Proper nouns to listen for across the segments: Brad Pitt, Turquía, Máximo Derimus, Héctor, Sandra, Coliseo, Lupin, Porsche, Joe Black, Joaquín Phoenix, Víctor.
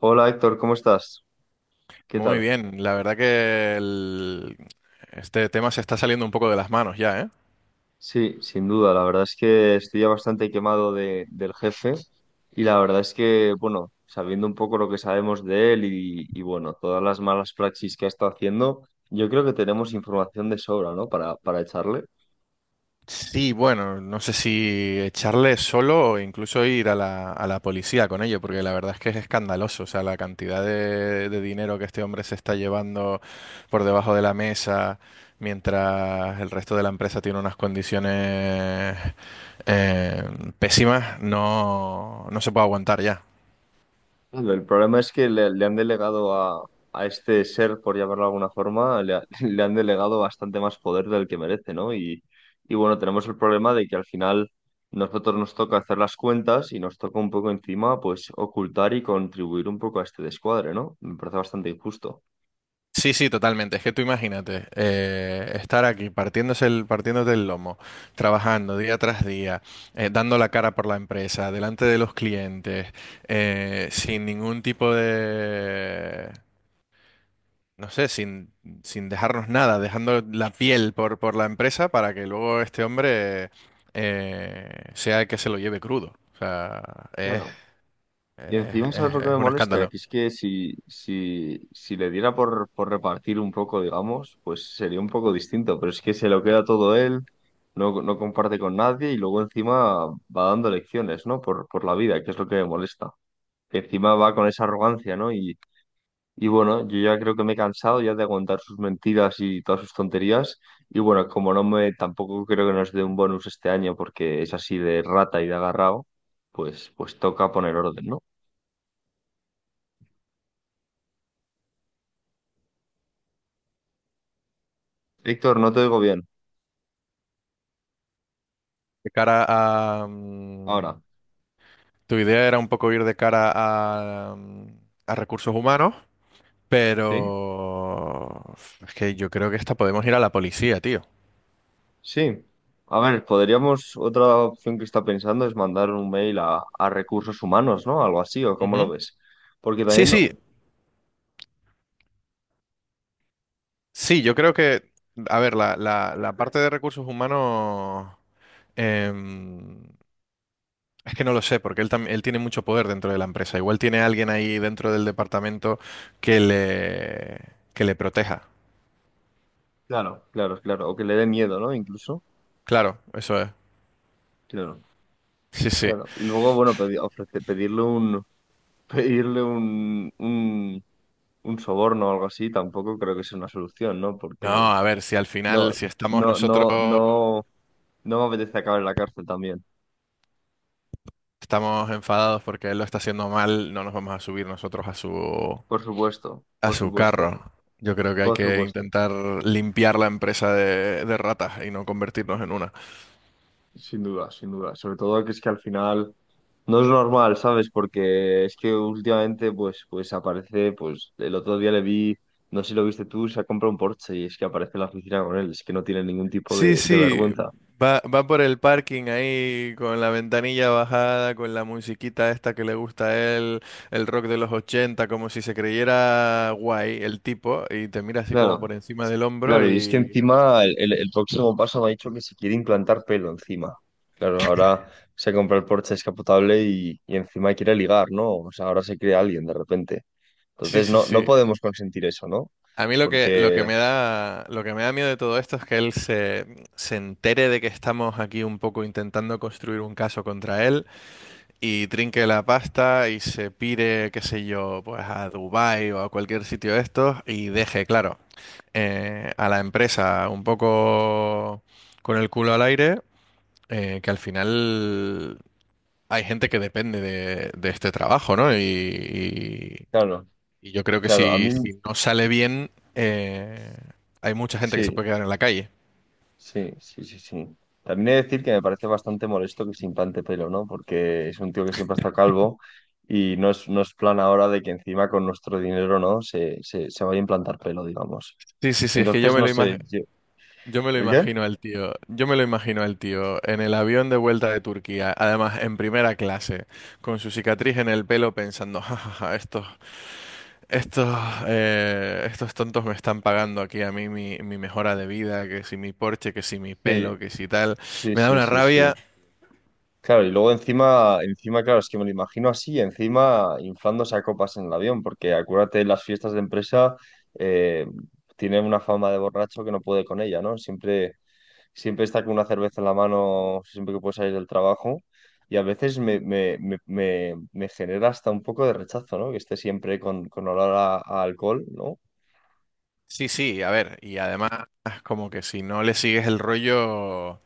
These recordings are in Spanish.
Hola Héctor, ¿cómo estás? ¿Qué Muy tal? bien, la verdad que este tema se está saliendo un poco de las manos ya, ¿eh? Sí, sin duda, la verdad es que estoy ya bastante quemado del jefe y la verdad es que, bueno, sabiendo un poco lo que sabemos de él y, bueno, todas las malas praxis que ha estado haciendo, yo creo que tenemos información de sobra, ¿no? Para echarle. Sí, bueno, no sé si echarle solo o incluso ir a la policía con ello, porque la verdad es que es escandaloso, o sea, la cantidad de dinero que este hombre se está llevando por debajo de la mesa, mientras el resto de la empresa tiene unas condiciones, eh, pésimas. No se puede aguantar ya. Claro, el problema es que le han delegado a este ser, por llamarlo de alguna forma, le han delegado bastante más poder del que merece, ¿no? Y bueno, tenemos el problema de que al final nosotros nos toca hacer las cuentas y nos toca un poco encima, pues, ocultar y contribuir un poco a este descuadre, ¿no? Me parece bastante injusto. Sí, sí, totalmente. Es que tú imagínate, estar aquí partiéndote el lomo, trabajando día tras día, dando la cara por la empresa, delante de los clientes, sin ningún tipo de, no sé, sin, sin dejarnos nada, dejando la piel por la empresa para que luego este hombre, sea el que se lo lleve crudo. O sea, es, Claro. Y encima, ¿sabes lo que me es un molesta? escándalo. Que es que si le diera por repartir un poco, digamos, pues sería un poco distinto, pero es que se lo queda todo él, no comparte con nadie y luego encima va dando lecciones, ¿no? Por la vida, que es lo que me molesta. Que encima va con esa arrogancia, ¿no? Y bueno, yo ya creo que me he cansado ya de aguantar sus mentiras y todas sus tonterías. Y bueno, como no me, tampoco creo que nos dé un bonus este año porque es así de rata y de agarrado, pues, pues toca poner orden, ¿no? Víctor, no te oigo bien. De cara a, mm, Ahora. Tu idea era un poco ir de cara a, a recursos humanos, ¿Sí? pero es que yo creo que esta podemos ir a la policía, tío. Sí. A ver, podríamos, otra opción que está pensando es mandar un mail a recursos humanos, ¿no? Algo así, ¿o cómo lo Ujú. ves? Porque Sí, también, sí, sí, yo creo que, a ver, la parte de recursos humanos, em, es que no lo sé, porque él, él tiene mucho poder dentro de la empresa. Igual tiene alguien ahí dentro del departamento que le, que le proteja. claro, claro, claro, o que le dé miedo, ¿no? Incluso, Claro, eso es. claro, Sí, sí. claro. Y luego, bueno, pedirle un, pedirle un, un, un soborno o algo así, tampoco creo que sea una solución, ¿no? No, Porque a ver, si al no, final, si estamos no, nosotros. no, no, no me apetece acabar en la cárcel también. Estamos enfadados porque él lo está haciendo mal, no nos vamos a subir nosotros Por supuesto, a por su supuesto, carro. Yo creo que hay por que supuesto. intentar limpiar la empresa de ratas y no convertirnos en una. Sin duda, sin duda. Sobre todo que es que al final no es normal, ¿sabes? Porque es que últimamente, pues, pues aparece, pues, el otro día le vi, no sé si lo viste tú, se ha comprado un Porsche y es que aparece en la oficina con él, es que no tiene ningún tipo Sí, de sí, vergüenza. Va por el parking ahí con la ventanilla bajada, con la musiquita esta que le gusta a él, el rock de los 80, como si se creyera guay el tipo, y te mira así como Claro, por encima del hombro claro, y es que y... encima el próximo paso me ha dicho que se quiere implantar pelo encima. Claro, ahora se compra el Porsche descapotable y encima quiere ligar, ¿no? O sea, ahora se cree alguien de repente. Sí, Entonces sí, no, no sí. podemos consentir eso, ¿no? A mí lo que Porque, me da, lo que me da miedo de todo esto es que él se entere de que estamos aquí un poco intentando construir un caso contra él y trinque la pasta y se pire, qué sé yo, pues a Dubái o a cualquier sitio de estos y deje, claro, a la empresa un poco con el culo al aire, que al final hay gente que depende de este trabajo, ¿no? Claro. Y yo creo que Claro, a si, mí si no sale bien, hay mucha gente que se sí, puede quedar en la calle. sí, sí, sí, sí. También he de decir que me parece bastante molesto que se implante pelo, ¿no? Porque es un tío que siempre ha estado calvo y no es, no es plan ahora de que encima con nuestro dinero, ¿no? Se vaya a implantar pelo, digamos. Sí, sí, sí, es que Entonces, no sé, yo- yo me lo ¿El qué? imagino al tío, yo me lo imagino al tío en el avión de vuelta de Turquía, además en primera clase, con su cicatriz en el pelo pensando: "Ja, ja, ja, estos, estos, estos tontos me están pagando aquí a mí mi, mi mejora de vida, que si mi Porsche, que si mi Sí, pelo, que si tal". sí, Me da sí, una sí, sí. rabia. Claro, y luego encima, encima, claro, es que me lo imagino así, encima inflándose a copas en el avión, porque acuérdate, las fiestas de empresa eh, tiene una fama de borracho que no puede con ella, ¿no? Siempre siempre estar con una cerveza en la mano siempre que puedo salir del trabajo y a veces me genera hasta un poco de rechazo, ¿no? Que esté siempre con olor a alcohol, ¿no? Sí, sí, a ver, y además como que si no le sigues el rollo...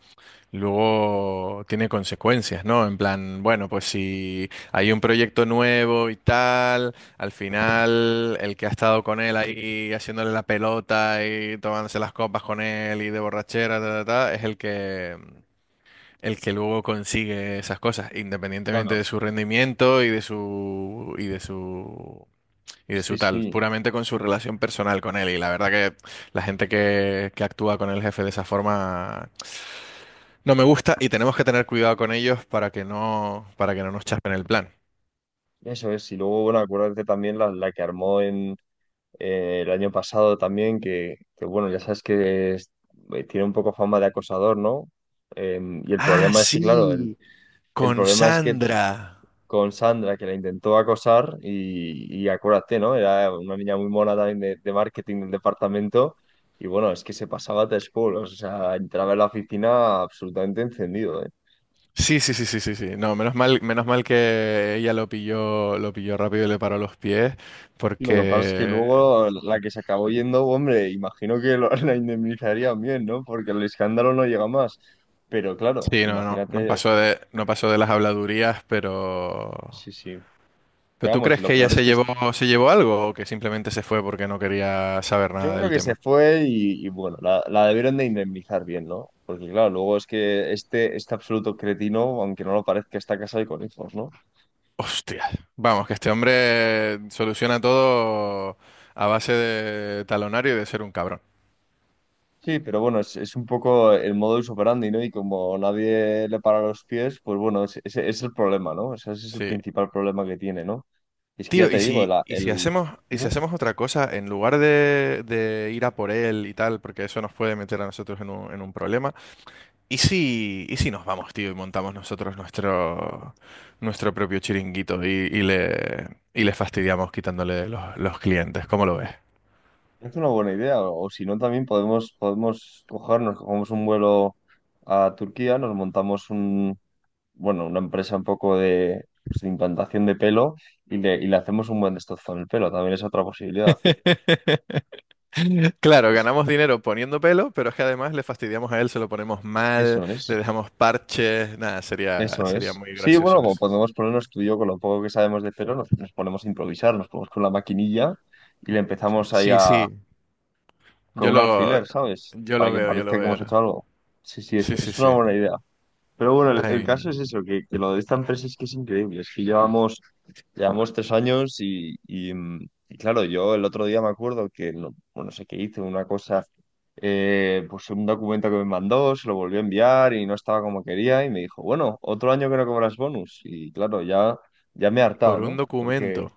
luego tiene consecuencias, ¿no? En plan, bueno, pues si hay un proyecto nuevo y tal, al final el que ha estado con él ahí haciéndole la pelota y tomándose las copas con él y de borrachera, ta, ta, ta, es el que luego consigue esas cosas, independientemente Claro. de su rendimiento y de Sí, su tal, sí, puramente con su relación personal con él. Y la verdad que la gente que actúa con el jefe de esa forma no me gusta y tenemos que tener cuidado con ellos para que no nos chapen el plan. eso es. Y luego, bueno, acuérdate también la que armó en el año pasado también, bueno, ya sabes que es- tiene un poco fama de acosador, ¿no? Y el Ah, problema es que, claro, sí, el con problema es que Sandra. con Sandra, que la intentó acosar, y acuérdate, ¿no? Era una niña muy mona también de marketing del departamento, y bueno, es que se pasaba tres pueblos, o sea, entraba en la oficina absolutamente encendido, ¿eh? Sí, sí, sí, sí, sí, sí. No, menos mal que ella lo pilló rápido y le paró los pies, Y lo que pasa es que porque luego la que se acabó yendo, hombre, imagino que la indemnizarían bien, ¿no? Porque el escándalo no llega más. Pero claro, sí, no, no, imagínate, no pasó de las habladurías, sí, sí. pero Pero ¿tú vamos, y crees lo que peor es que se llevó algo o que simplemente se fue porque no quería saber yo nada creo del que se tema? fue y bueno, la debieron de indemnizar bien, ¿no? Porque claro, luego es que este absoluto cretino, aunque no lo parezca, está casado y con hijos, ¿no? Hostia. Vamos, que este hombre soluciona todo a base de talonario y de ser un cabrón. Sí, pero bueno, es un poco el modus operandi, ¿no? Y como nadie le para los pies, pues bueno, ese ese es, el problema, ¿no? O sea, ese es el Sí. principal problema que tiene, ¿no? Es que ya Tío, te ¿y digo, si, la, el... y si Dime, hacemos otra cosa, en lugar de ir a por él y tal, porque eso nos puede meter a nosotros en en un problema, y si nos vamos, tío, y montamos nuestro propio chiringuito y, y le fastidiamos quitándole los clientes? ¿Cómo lo ves? es una buena idea, o si no, también podemos, podemos cogernos, cogemos un vuelo a Turquía, nos montamos un bueno, una empresa un poco de, pues, de implantación de pelo y le hacemos un buen destrozón en el pelo, también es otra posibilidad. Claro, Es- ganamos dinero poniendo pelo, pero es que además le fastidiamos a él, se lo ponemos mal, eso le es, dejamos parches, nada, sería, eso sería es. muy Sí, bueno, gracioso como eso. podemos ponernos tú y yo con lo poco que sabemos de pelo, nos, nos ponemos a improvisar, nos ponemos con la maquinilla y le empezamos ahí Sí, a, sí, con yo un lo, alfiler, ¿sabes? yo Para lo que veo, yo parezca lo que hemos veo. hecho algo. Sí, sí, Sí, sí, es una sí. buena idea. Pero bueno, el Ay, caso es eso, que lo de esta empresa es que es increíble, es que llevamos llevamos 3 años y, y claro, yo el otro día me acuerdo que, no, bueno, no sé qué hice una cosa, pues un documento que me mandó, se lo volvió a enviar y no estaba como quería y me dijo, bueno, otro año que no cobras bonus. Y claro, ya, ya me he hartado, por un ¿no? Porque documento.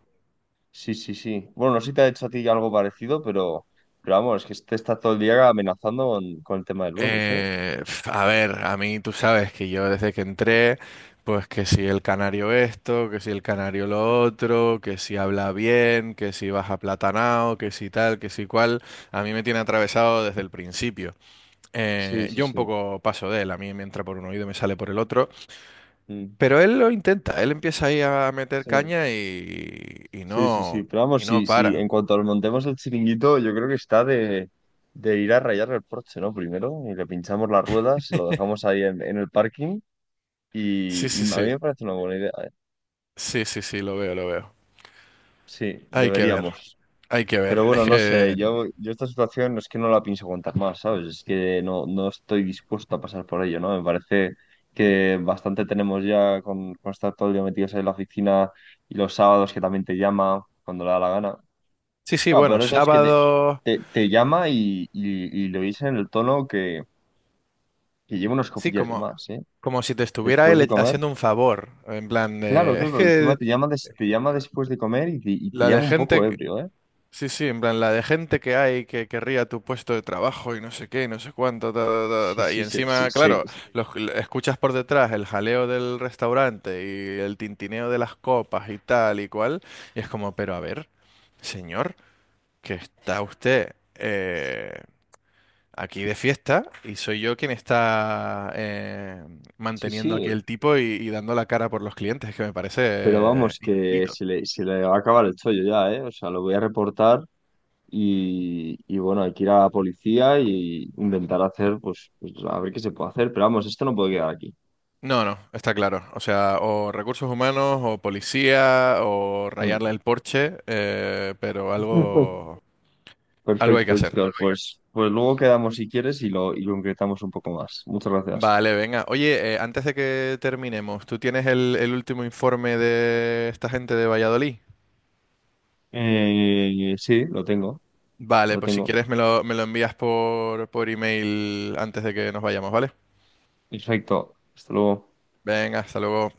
sí, sí, sí. Bueno, no sé si te ha hecho a ti algo parecido, pero vamos, es que este está todo el día amenazando con el tema del bonus, ¿eh? A ver, a mí tú sabes que yo desde que entré, pues que si el canario esto, que si el canario lo otro, que si habla bien, que si baja platanao, que si tal, que si cual, a mí me tiene atravesado desde el principio. Sí, sí, Yo un sí. poco paso de él, a mí me entra por un oído y me sale por el otro, Mm, pero él lo intenta, él empieza ahí a meter sí. caña Sí, sí, sí. Pero vamos, y no sí, sí. para. En cuanto lo montemos el chiringuito, yo creo que está de ir a rayar el Porsche, ¿no? Primero, y le pinchamos las ruedas, lo dejamos ahí en el parking. Sí, Y a sí, mí sí, me parece una buena idea, ¿eh? sí, sí, sí, lo veo, lo veo. Sí, Hay que ver, deberíamos. hay que ver. Pero Es bueno, no sé, que, yo esta situación no es que no la pienso contar más, ¿sabes? Es que no, no estoy dispuesto a pasar por ello, ¿no? Me parece que bastante tenemos ya con estar todo el día metidos ahí en la oficina y los sábados que también te llama cuando le da la gana. sí, sí, Ah, bueno, pero esto es que sábado, te llama y lo dice en el tono que lleva unas sí, copillas de como, más, ¿eh? como si te estuviera Después de él comer. haciendo un favor, en plan Claro, de, es claro, encima que te llama, te llama después de comer y te la de llama un poco gente. ebrio, ¿eh? Sí, sí, en plan, la de gente que hay que querría tu puesto de trabajo y no sé qué, y no sé cuánto, ta, ta, ta, Sí, ta. Y sí, sí, sí, encima, sí, claro, los, escuchas por detrás el jaleo del restaurante y el tintineo de las copas y tal y cual. Y es como, pero a ver, señor, que está usted aquí de fiesta y soy yo quien está, sí, manteniendo sí. aquí el tipo y dando la cara por los clientes, que me parece, Pero vamos, que inaudito. Se le va a acabar el chollo ya, ¿eh? O sea, lo voy a reportar y bueno, hay que ir a la policía y intentar hacer, pues, pues, a ver qué se puede hacer. Pero vamos, esto no puede quedar aquí. No, no, está claro. O sea, o recursos humanos, o policía, o rayarle Mm. el Porsche, pero algo, algo hay que Perfecto, hacer. Héctor. Pues, pues luego quedamos si quieres y lo concretamos un poco más. Muchas gracias. Vale, venga. Oye, antes de que terminemos, ¿tú tienes el último informe de esta gente de Valladolid? Sí, lo tengo, Vale, lo pues si tengo. quieres me lo envías por email antes de que nos vayamos, ¿vale? Perfecto. Hasta luego. Venga, hasta luego.